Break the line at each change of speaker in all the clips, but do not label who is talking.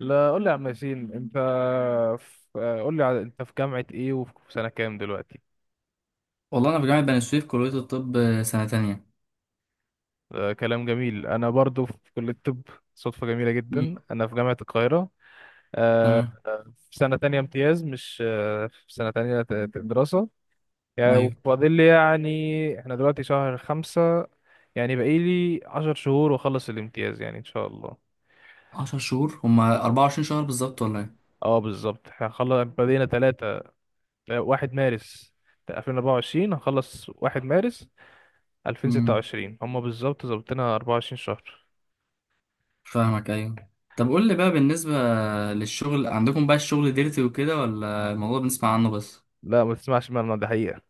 لا، قول لي يا عم ياسين. انت في... قول لي على- انت في جامعة ايه وفي سنة كام دلوقتي؟
والله انا في جامعه بني سويف، كليه الطب، سنه تانية.
آه كلام جميل، انا برضو في كلية الطب. صدفة جميلة
مم.
جدا، انا في جامعة القاهرة. آه
تمام.
في سنة تانية امتياز، مش في سنة تانية دراسة يعني.
ايوه،
وفاضل لي يعني، احنا دلوقتي شهر خمسة. يعني باقي لي 10 شهور واخلص الامتياز يعني ان شاء الله.
10 شهور هما 24 شهر بالظبط ولا ايه؟
اه بالظبط، احنا هنخلص. بدينا تلاتة، واحد مارس 2024، هنخلص واحد مارس
امم.
2026. هم بالظبط ظابطينها 24 شهر.
فاهمك، ايوه. طب قول لي بقى، بالنسبه للشغل عندكم بقى، الشغل ديرتي وكده ولا الموضوع بنسمع عنه بس؟
لا، ما تسمعش منه، ده حقيقة.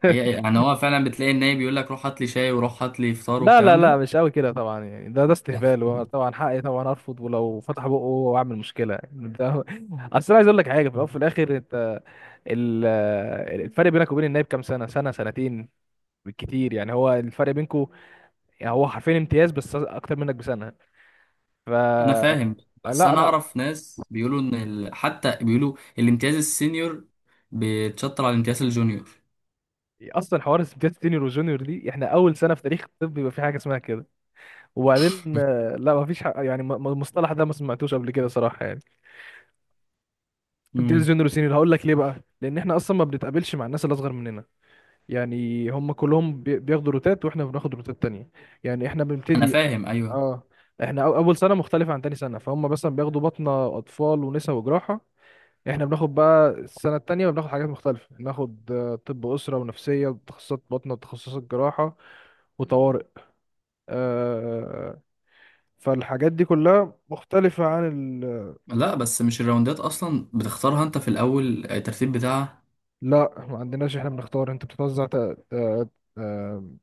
حقيقة؟ يعني هو فعلا بتلاقي النايب بيقول لك روح هات لي شاي وروح هات لي فطار
لا لا
والكلام
لا،
ده؟
مش قوي كده طبعا، يعني ده استهبال، وطبعا حقي طبعا ارفض، ولو فتح بقه واعمل مشكله يعني ده. اصل انا عايز اقول لك حاجه في الاول وفي الاخر. انت ال- الفرق بينك وبين النايب كام سنه؟ سنه، سنتين بالكتير يعني. هو الفرق بينكم يعني هو حرفيا امتياز بس اكتر منك بسنه. ف...
انا فاهم. بس
لا
انا
لا.
اعرف ناس بيقولوا ان حتى بيقولوا الامتياز السينيور بيتشطر على الامتياز الجونيور.
اصلا حوار امتياز سينيور وجونيور دي، احنا اول سنه في تاريخ الطب يبقى في حاجه اسمها كده. وبعدين لا ما فيش حق يعني، المصطلح ده ما سمعتوش قبل كده صراحه يعني. امتياز
امم.
جونيور وسينيور هقول لك ليه بقى، لان احنا اصلا ما بنتقابلش مع الناس اللي اصغر مننا. يعني هم كلهم بياخدوا روتات واحنا بناخد روتات تانية. يعني احنا
انا
بنبتدي.
فاهم، ايوه.
اه، احنا اول سنه مختلفه عن تاني سنه. فهم مثلا بياخدوا بطنه اطفال ونساء وجراحه. احنا بناخد بقى السنه التانية بناخد حاجات مختلفه، بناخد طب اسره ونفسيه وتخصصات بطنه وتخصصات جراحه وطوارئ. آه، فالحاجات دي كلها مختلفة عن...
لا بس مش الراوندات اصلا بتختارها انت في الاول؟ الترتيب بتاعها.
لا، ما عندناش، احنا بنختار. انت بتتوزع ت... ت... آم،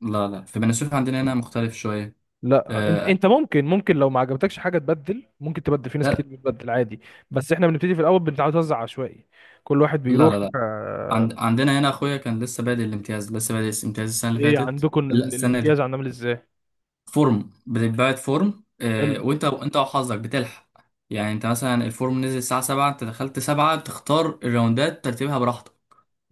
لا لا، في بني سويف عندنا هنا مختلف شويه.
لا، انت
آه.
ممكن، لو ما عجبتكش حاجه تبدل، ممكن تبدل، في ناس كتير
لا
بتبدل عادي. بس احنا بنبتدي في الاول بنتوزع عشوائي. كل واحد
لا لا,
بيروح
لا. عندنا هنا اخويا كان لسه بادئ الامتياز السنه اللي
ايه
فاتت،
عندكم
لا السنه
الامتياز
دي.
عندنا عامل ازاي؟
فورم بتتبعت، فورم،
حلو.
وانت، انت وحظك بتلحق. يعني انت مثلا الفورم نزل الساعه 7، انت دخلت 7 تختار الراوندات ترتيبها براحتك.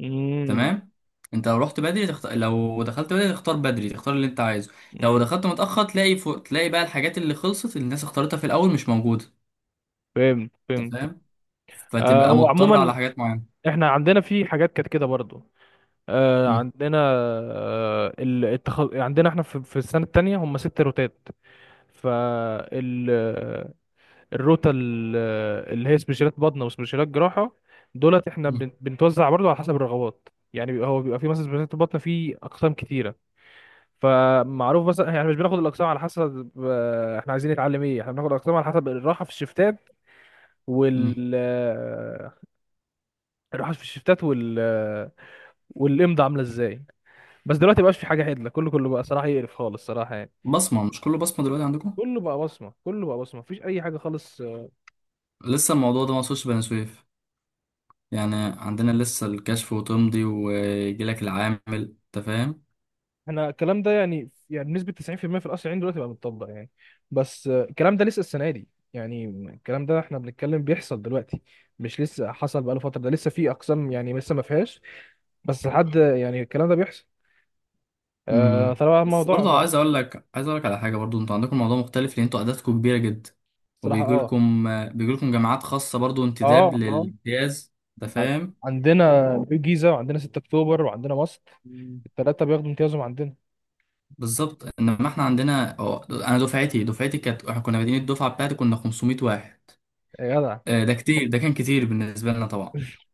امم.
تمام. انت لو رحت بدري لو دخلت بدري تختار، بدري تختار اللي انت عايزه. لو
امم.
دخلت متأخر تلاقي تلاقي بقى الحاجات اللي خلصت، اللي الناس اختارتها في الأول مش موجودة.
فهمت
انت
فهمت.
فاهم؟
آه
فتبقى
هو
مضطر على
عموما
حاجات معينة.
احنا عندنا في حاجات كانت كده برضو. آه
مم.
عندنا. عندنا احنا في السنه التانية هم ست روتات. فال الروتا اللي هي سبيشالات بطنه وسبيشالات جراحه. دولت احنا
مم.
بنتوزع برضو على حسب الرغبات. يعني هو بيبقى في مثلا سبيشالات البطنه في اقسام كتيره. فمعروف مثلا يعني مش بناخد الاقسام على حسب احنا عايزين نتعلم ايه، احنا بناخد الاقسام على حسب الراحه في الشفتات
مم.
وال آه، الراحه في الشفتات والامضه عامله ازاي. بس دلوقتي مبقاش في حاجه عدله، كله بقى صراحه يقرف خالص صراحه يعني.
بصمة؟ مش كله بصمة دلوقتي عندكم؟
كله بقى بصمه، مفيش اي حاجه خالص.
لسه الموضوع ده ما وصلش بني سويف. يعني عندنا لسه الكشف وتمضي ويجيلك العامل. انت فاهم.
احنا الكلام ده يعني بنسبة 90% في المية في القصر العيني دلوقتي بقى متطبق يعني. بس الكلام ده لسه السنة دي يعني. الكلام ده احنا بنتكلم بيحصل دلوقتي، مش لسه حصل بقاله فترة. ده لسه في أقسام يعني لسه ما فيهاش، بس لحد يعني الكلام ده بيحصل. آه
امم.
طبعا
بس
الموضوع
برضه
بقى...
عايز اقول لك على حاجه، برضه انتوا عندكم الموضوع مختلف، لان انتوا اعدادكم كبيره جدا.
صراحة
وبيجي
اه.
لكم بيجي لكم جامعات خاصه برضه،
اه
انتداب
اه.
للامتياز. انت
ع-
فاهم.
عندنا في الجيزة، وعندنا 6 أكتوبر، وعندنا مصر.
مم.
التلاتة بياخدوا امتيازهم عندنا.
بالظبط، انما احنا عندنا، أو انا دفعتي كانت، احنا كنا بادئين، الدفعه بتاعتي كنا 500 واحد.
يا جدع.
ده كتير، ده كان كتير بالنسبه لنا طبعا.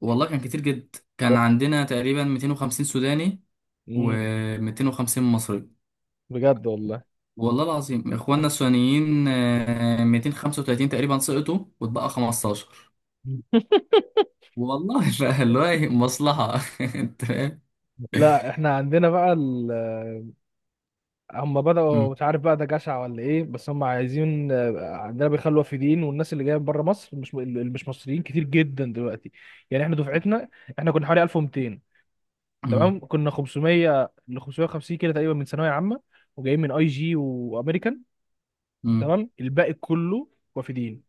والله كان كتير جدا، كان
ده-
عندنا تقريبا 250 سوداني
مم،
و250 مصري.
بجد والله.
والله العظيم اخواننا السودانيين، 235 تقريبا سقطوا واتبقى 15. والله بقى اللي هو إيه، مصلحة. انت فاهم.
لا احنا عندنا بقى، هم بدأوا،
مم.
مش عارف بقى ده جشع ولا ايه، بس هم عايزين عندنا بيخلوا وافدين. والناس اللي جايه من بره مصر، مش اللي مش مصريين، كتير جدا دلوقتي. يعني احنا دفعتنا احنا كنا حوالي 1200.
مم.
تمام كنا 500 ل 550 كده تقريبا من ثانويه عامه، وجايين من اي جي وامريكان.
مم.
تمام الباقي كله وافدين.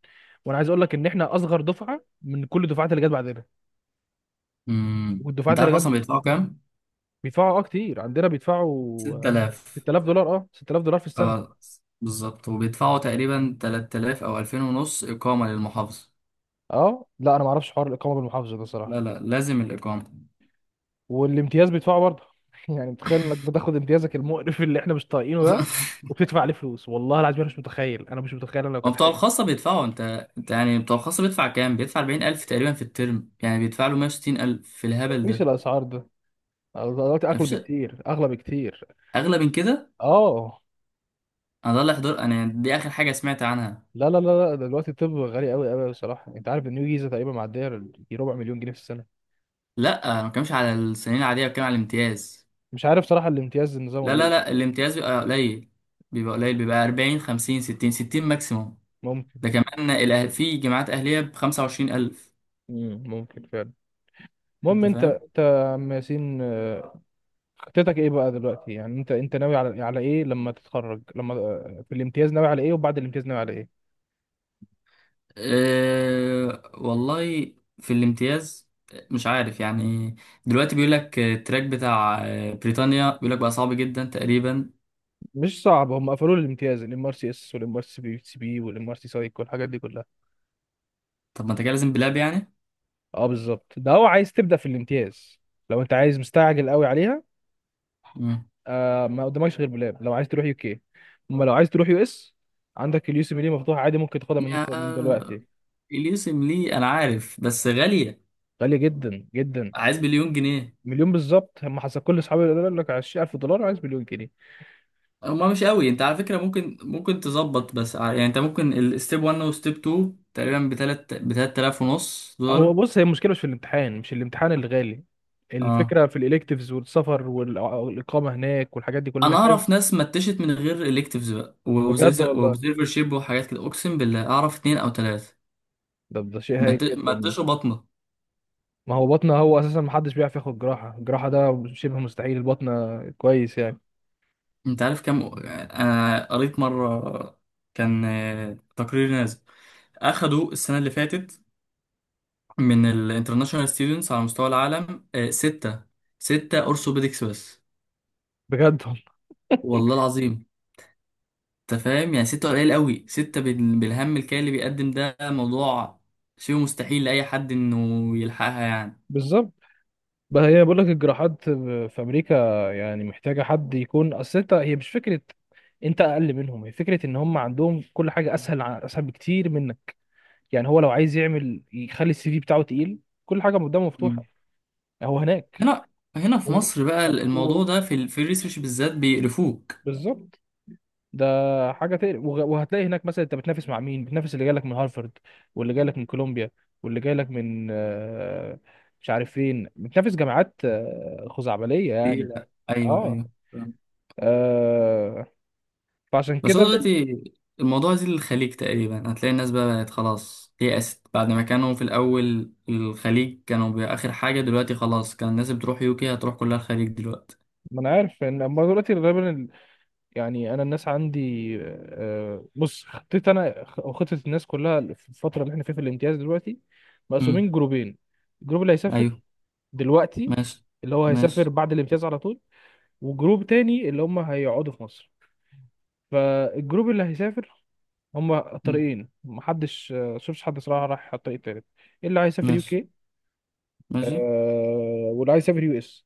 وانا عايز اقول لك ان احنا اصغر دفعه من كل الدفعات اللي جت بعدنا
مم.
والدفعات
انت عارف
اللي
اصلا
جت.
بيدفعوا كام؟
بيدفعوا اه كتير، عندنا بيدفعوا
6000.
6000 دولار، اه 6000 دولار في السنه.
اه بالظبط. وبيدفعوا تقريبا 3000 او 2000 ونص اقامة للمحافظة.
اه لا انا ما اعرفش حوار الاقامه بالمحافظه ده صراحه.
لا لا، لازم الاقامة.
والامتياز بيدفعه برضه. يعني متخيل انك بتاخد امتيازك المقرف اللي احنا مش طايقينه ده وبتدفع عليه فلوس؟ والله العظيم انا مش متخيل، انا مش متخيل، انا لو
هو
كانت
بتوع
حياتي كده...
الخاصة بيدفعوا انت يعني بتوع الخاصة بيدفع كام؟ بيدفع 40000 تقريبا في الترم، يعني بيدفع له 160000 في الهبل
مفيش
ده.
الاسعار ده دلوقتي، اغلى
مفيش
بكتير، اغلى بكتير.
اغلى من كده.
اه
انا ده اللي حضر، انا دي اخر حاجه سمعت عنها.
لا لا لا لا، دلوقتي الطب غالي قوي قوي بصراحه. انت عارف النيو جيزه تقريبا معديه دي ربع مليون جنيه في السنه؟
لا، انا ما بتكلمش على السنين العاديه، بتكلم على الامتياز.
مش عارف صراحه الامتياز نظامه
لا لا
ايه.
لا، الامتياز بيبقى قليل. بيبقى 40، 50، 60، 60 ماكسيموم. ده
ممكن.
كمان. في جامعات اهليه ب 25000.
مم. ممكن فعلا. المهم
انت
انت
فاهم.
يا عم ياسين، خطتك ايه بقى دلوقتي؟ يعني انت ناوي على ايه لما تتخرج، لما في الامتياز ناوي على ايه، وبعد الامتياز ناوي على ايه؟
أه والله، في الامتياز مش عارف يعني. دلوقتي بيقول لك التراك بتاع بريطانيا، بيقول لك بقى صعب جدا تقريبا.
مش صعب، هم قفلوا لي الامتياز، الام ار سي اس والام ار سي بي سي بي والام ار سي سايك والحاجات دي كلها.
طب ما انت كده لازم بلاب يعني.
اه بالظبط، ده هو، عايز تبدا في الامتياز لو انت عايز مستعجل قوي عليها.
مم.
آه ما قدامكش غير بلاب لو عايز تروح يو كي. اما لو عايز تروح يو اس، عندك اليو سي بي دي مفتوح عادي، ممكن تاخدها
يا
من دلوقتي.
اليوسم ليه انا عارف، بس غالية.
غاليه جدا جدا.
عايز مليون جنيه.
مليون بالظبط. هم حسب كل اصحابي يقول لك 20000 دولار، عايز مليون جنيه.
هما مش قوي. انت على فكرة، ممكن تظبط، بس يعني انت ممكن الستيب 1 وستيب 2 تقريبا بتلات آلاف ونص
هو
دولار.
بص، هي المشكله مش في الامتحان، مش الامتحان اللي غالي.
اه.
الفكره في الالكتيفز والسفر والاقامه هناك والحاجات دي كلها،
انا
انك لازم...
اعرف ناس متشت من غير الكتيفز بقى،
بجد والله،
واوبزرفر شيب وحاجات كده، اقسم بالله اعرف اتنين او تلاتة.
ده شيء هايل
مت-
جدا.
متشوا بطنه.
ما هو بطنه، هو اساسا ما حدش بيعرف ياخد جراحه. الجراحه ده شبه مستحيل، البطنه كويس يعني.
انت عارف كام؟ انا قريت مرة كان تقرير نازل، اخدوا السنة اللي فاتت من الانترناشونال ستودنتس على مستوى العالم، ستة اورثوبيدكس بس.
بجد والله.
والله العظيم. انت فاهم؟ يعني ستة قليل قوي، ستة بالهم الكالي اللي بيقدم، ده موضوع شيء مستحيل لأي حد انه يلحقها يعني.
بالظبط. بقى هي، بقول لك الجراحات في امريكا يعني محتاجه حد يكون اصل انت، هي مش فكره انت اقل منهم، هي فكره ان هم عندهم كل حاجه اسهل اسهل بكتير منك. يعني هو لو عايز يعمل يخلي السي في بتاعه تقيل، كل حاجه قدامه مفتوحه
مم.
هو هناك.
هنا هنا في
و...
مصر بقى الموضوع
و...
ده في الريسيرش بالذات بيقرفوك.
بالظبط، ده حاجه تقلق وهتلاقي هناك مثلا انت بتنافس مع مين؟ بتنافس اللي جايلك من هارفارد واللي جايلك من كولومبيا واللي جايلك من مش عارف فين، بتنافس جامعات خزعبليه
إيه،
يعني.
لا، ايوه
اه.
ايوه.
آه، فعشان
بس هو
كده
دلوقتي الموضوع زي للخليج تقريبا، هتلاقي الناس بقى بقت خلاص يأست. بعد ما كانوا في الأول الخليج كانوا آخر حاجة، دلوقتي خلاص. كان الناس بتروح يوكي، هتروح كلها الخليج دلوقتي.
ما انا عارف ان اما دلوقتي غالبا يعني انا الناس عندي بص، خطيت انا وخطه الناس كلها في الفتره اللي احنا فيها في الامتياز دلوقتي
امم.
مقسومين جروبين. الجروب اللي هيسافر
أيوه.
دلوقتي،
ماشي
اللي هو هيسافر
ماشي.
بعد الامتياز على طول، وجروب تاني اللي هم هيقعدوا في مصر. فالجروب اللي هيسافر هم
مم.
طريقين، محدش شفتش حد صراحة راح على الطريق التالت. اللي عايز يسافر يو
ماشي
كي،
ماشي.
آه، واللي عايز يسافر يو اس.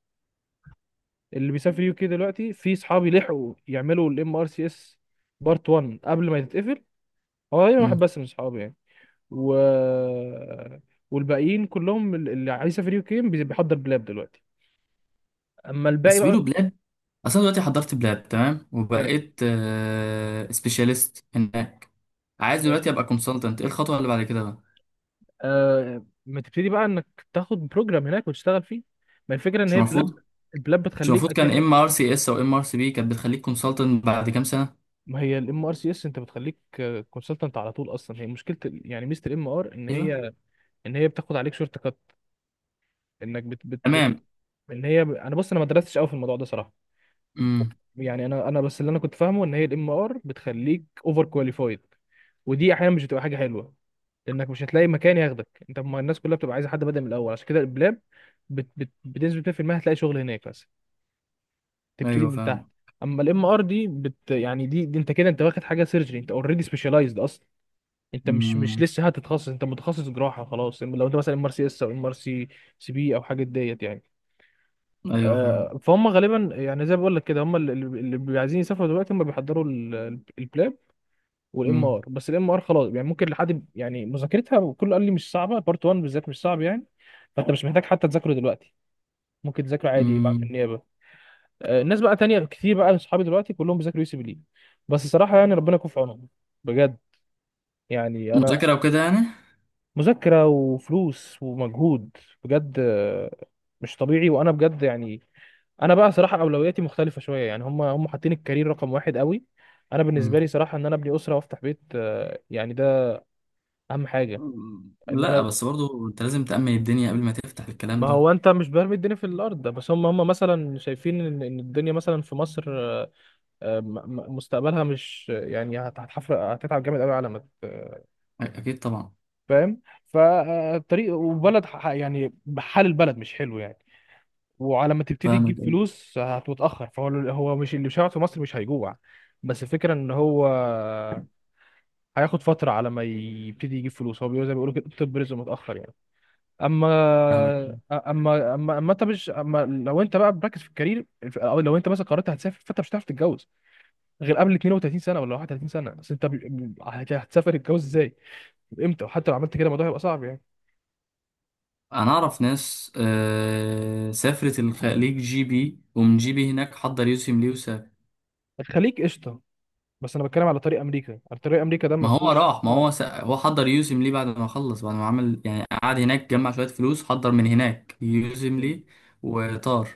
اللي بيسافر يو كي دلوقتي في صحابي لحقوا يعملوا الام ار سي اس بارت 1 قبل ما يتقفل. هو تقريبا
مم.
واحد بس من صحابي يعني. و والباقيين كلهم اللي عايز يسافر يو كي بيحضر بلاب دلوقتي. اما الباقي
بس
بقى...
بيقولوا بلاد، أصلا دلوقتي حضرت بلاد تمام
حلو.
وبقيت سبيشاليست هناك. عايز دلوقتي
ماشي.
أبقى كونسلتنت، إيه الخطوة اللي بعد كده بقى؟
آه ما تبتدي بقى انك تاخد بروجرام هناك وتشتغل فيه. ما الفكره ان
مش
هي البلاب،
المفروض،
البلاب بتخليك
كان
اكنك...
ام ار سي اس او ام ار سي بي كانت بتخليك كونسلتنت بعد كام سنة.
ما هي الام ار سي اس انت بتخليك كونسلتنت على طول. اصلا هي مشكله يعني ميزه الام ار، ان
ايوه
هي ان هي بتاخد عليك شورت كات، انك بت بت بت
تمام.
ان هي، انا بص، انا ما درستش قوي في الموضوع ده صراحه
امم.
يعني. انا بس اللي انا كنت فاهمه ان هي الام ار بتخليك اوفر كواليفايد، ودي احيانا مش بتبقى حاجه حلوه، لانك مش هتلاقي مكان ياخدك، انت ما الناس كلها بتبقى عايزه حد بادئ من الاول. عشان كده البلاب بت بت بتنزل 2%، هتلاقي شغل هناك بس تبتدي
ايوه
من تحت.
فاهم.
اما الام ار دي يعني دي انت كده، انت واخد حاجه سيرجري، انت اوريدي سبيشالايزد اصلا. انت مش
امم.
لسه هتتخصص، انت متخصص جراحه خلاص لو انت مثلا ام ار سي اس او ام ار سي سي بي او حاجه ديت يعني.
ايوه فاهم.
فهم غالبا، يعني زي ما بقول لك كده، هم اللي بيبقوا عايزين يسافروا دلوقتي هم بيحضروا البلاب والام
امم.
ار. بس الام ار خلاص يعني ممكن لحد يعني مذاكرتها، وكله قال لي مش صعبه، بارت 1 بالذات مش صعب يعني. فانت مش محتاج حتى تذاكره دلوقتي، ممكن تذاكره عادي بقى في
امم.
النيابه. الناس بقى تانية كتير بقى من صحابي دلوقتي كلهم بيذاكروا يو سي بي لي، بس صراحة يعني ربنا يكون في عونهم بجد. يعني أنا...
مذاكره وكده يعني.
مذاكرة وفلوس ومجهود، بجد مش طبيعي. وأنا بجد يعني أنا بقى صراحة أولوياتي مختلفة شوية، يعني هم حاطين الكارير رقم واحد قوي. أنا بالنسبة
امم.
لي صراحة إن أنا أبني أسرة وأفتح بيت يعني ده أهم حاجة. إن
لا
أنا،
بس برضو انت لازم تأمن الدنيا قبل ما تفتح الكلام
ما
ده.
هو أنت مش برمي الدنيا في الأرض ده، بس هم مثلا شايفين إن الدنيا مثلا في مصر آه، م- مستقبلها مش يعني هتحفر، هتتعب جامد قوي على ما
اكيد طبعا.
فاهم. فالطريق، وبلد يعني حال البلد مش حلو يعني. وعلى ما تبتدي تجيب
فاهمك، أيوة.
فلوس هتتأخر، فهو هو مش اللي بيشتغل في مصر مش هيجوع، بس الفكرة ان هو هياخد فترة على ما يبتدي يجيب فلوس. هو بيقول زي ما بيقولوا كده طب رزق متأخر يعني. اما
فاهمك، أوي.
اما انت مش، اما لو انت بقى مركز في الكارير او لو انت مثلا قررت هتسافر، فانت مش هتعرف تتجوز غير قبل 32 سنه ولا 31 سنه. بس انت هتسافر تتجوز ازاي؟ امتى؟ وحتى لو عملت كده الموضوع هيبقى صعب يعني.
انا اعرف ناس سافرت الخليج جي بي، ومن جي بي هناك حضر يوسم ليه وسافر.
الخليج قشطه. بس انا بتكلم على طريق امريكا، على طريق امريكا ده ما
ما هو
فيهوش
راح، ما
اه.
هو هو حضر يوسم ليه بعد ما خلص، بعد ما عمل، يعني قعد هناك، جمع شويه فلوس، حضر من هناك يوسم ليه وطار.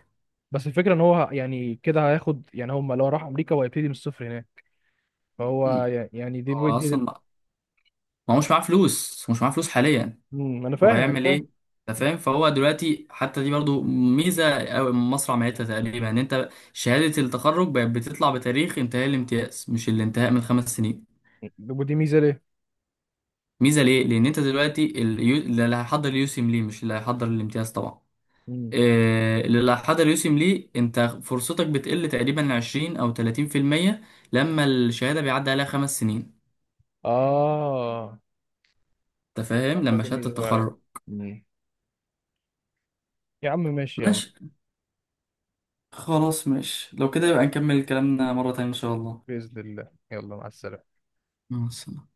بس الفكره ان هو يعني كده هياخد، يعني هم لو راح امريكا هو هيبتدي من الصفر هناك. فهو
مم.
يعني
هو
دي...
اصلا، ما هو مش معاه فلوس، هو مش معاه فلوس حاليا،
مم، انا
هو
فاهم انا
هيعمل
فاهم.
ايه؟ انت فاهم. فهو دلوقتي حتى دي برضو ميزه او مصنع مهنتها تقريبا، ان انت شهاده التخرج بقت بتطلع بتاريخ انتهاء الامتياز، مش الانتهاء من 5 سنين.
ودي ميزه ليه؟
ميزه ليه؟ لان انت دلوقتي اللي هيحضر يوسم ليه مش اللي هيحضر الامتياز طبعا.
مم.
اللي هيحضر يوسم ليه، انت فرصتك بتقل تقريبا 20 او 30% لما الشهاده بيعدي عليها 5 سنين.
اه
انت فاهم لما
دي
شهاده
ميزه فعلا.
التخرج.
مم. يا عم ماشي يا عم.
خلاص ماشي، لو كده يبقى نكمل كلامنا مرة تانية إن شاء الله.
باذن الله، يلا مع السلامه.
مع السلامة.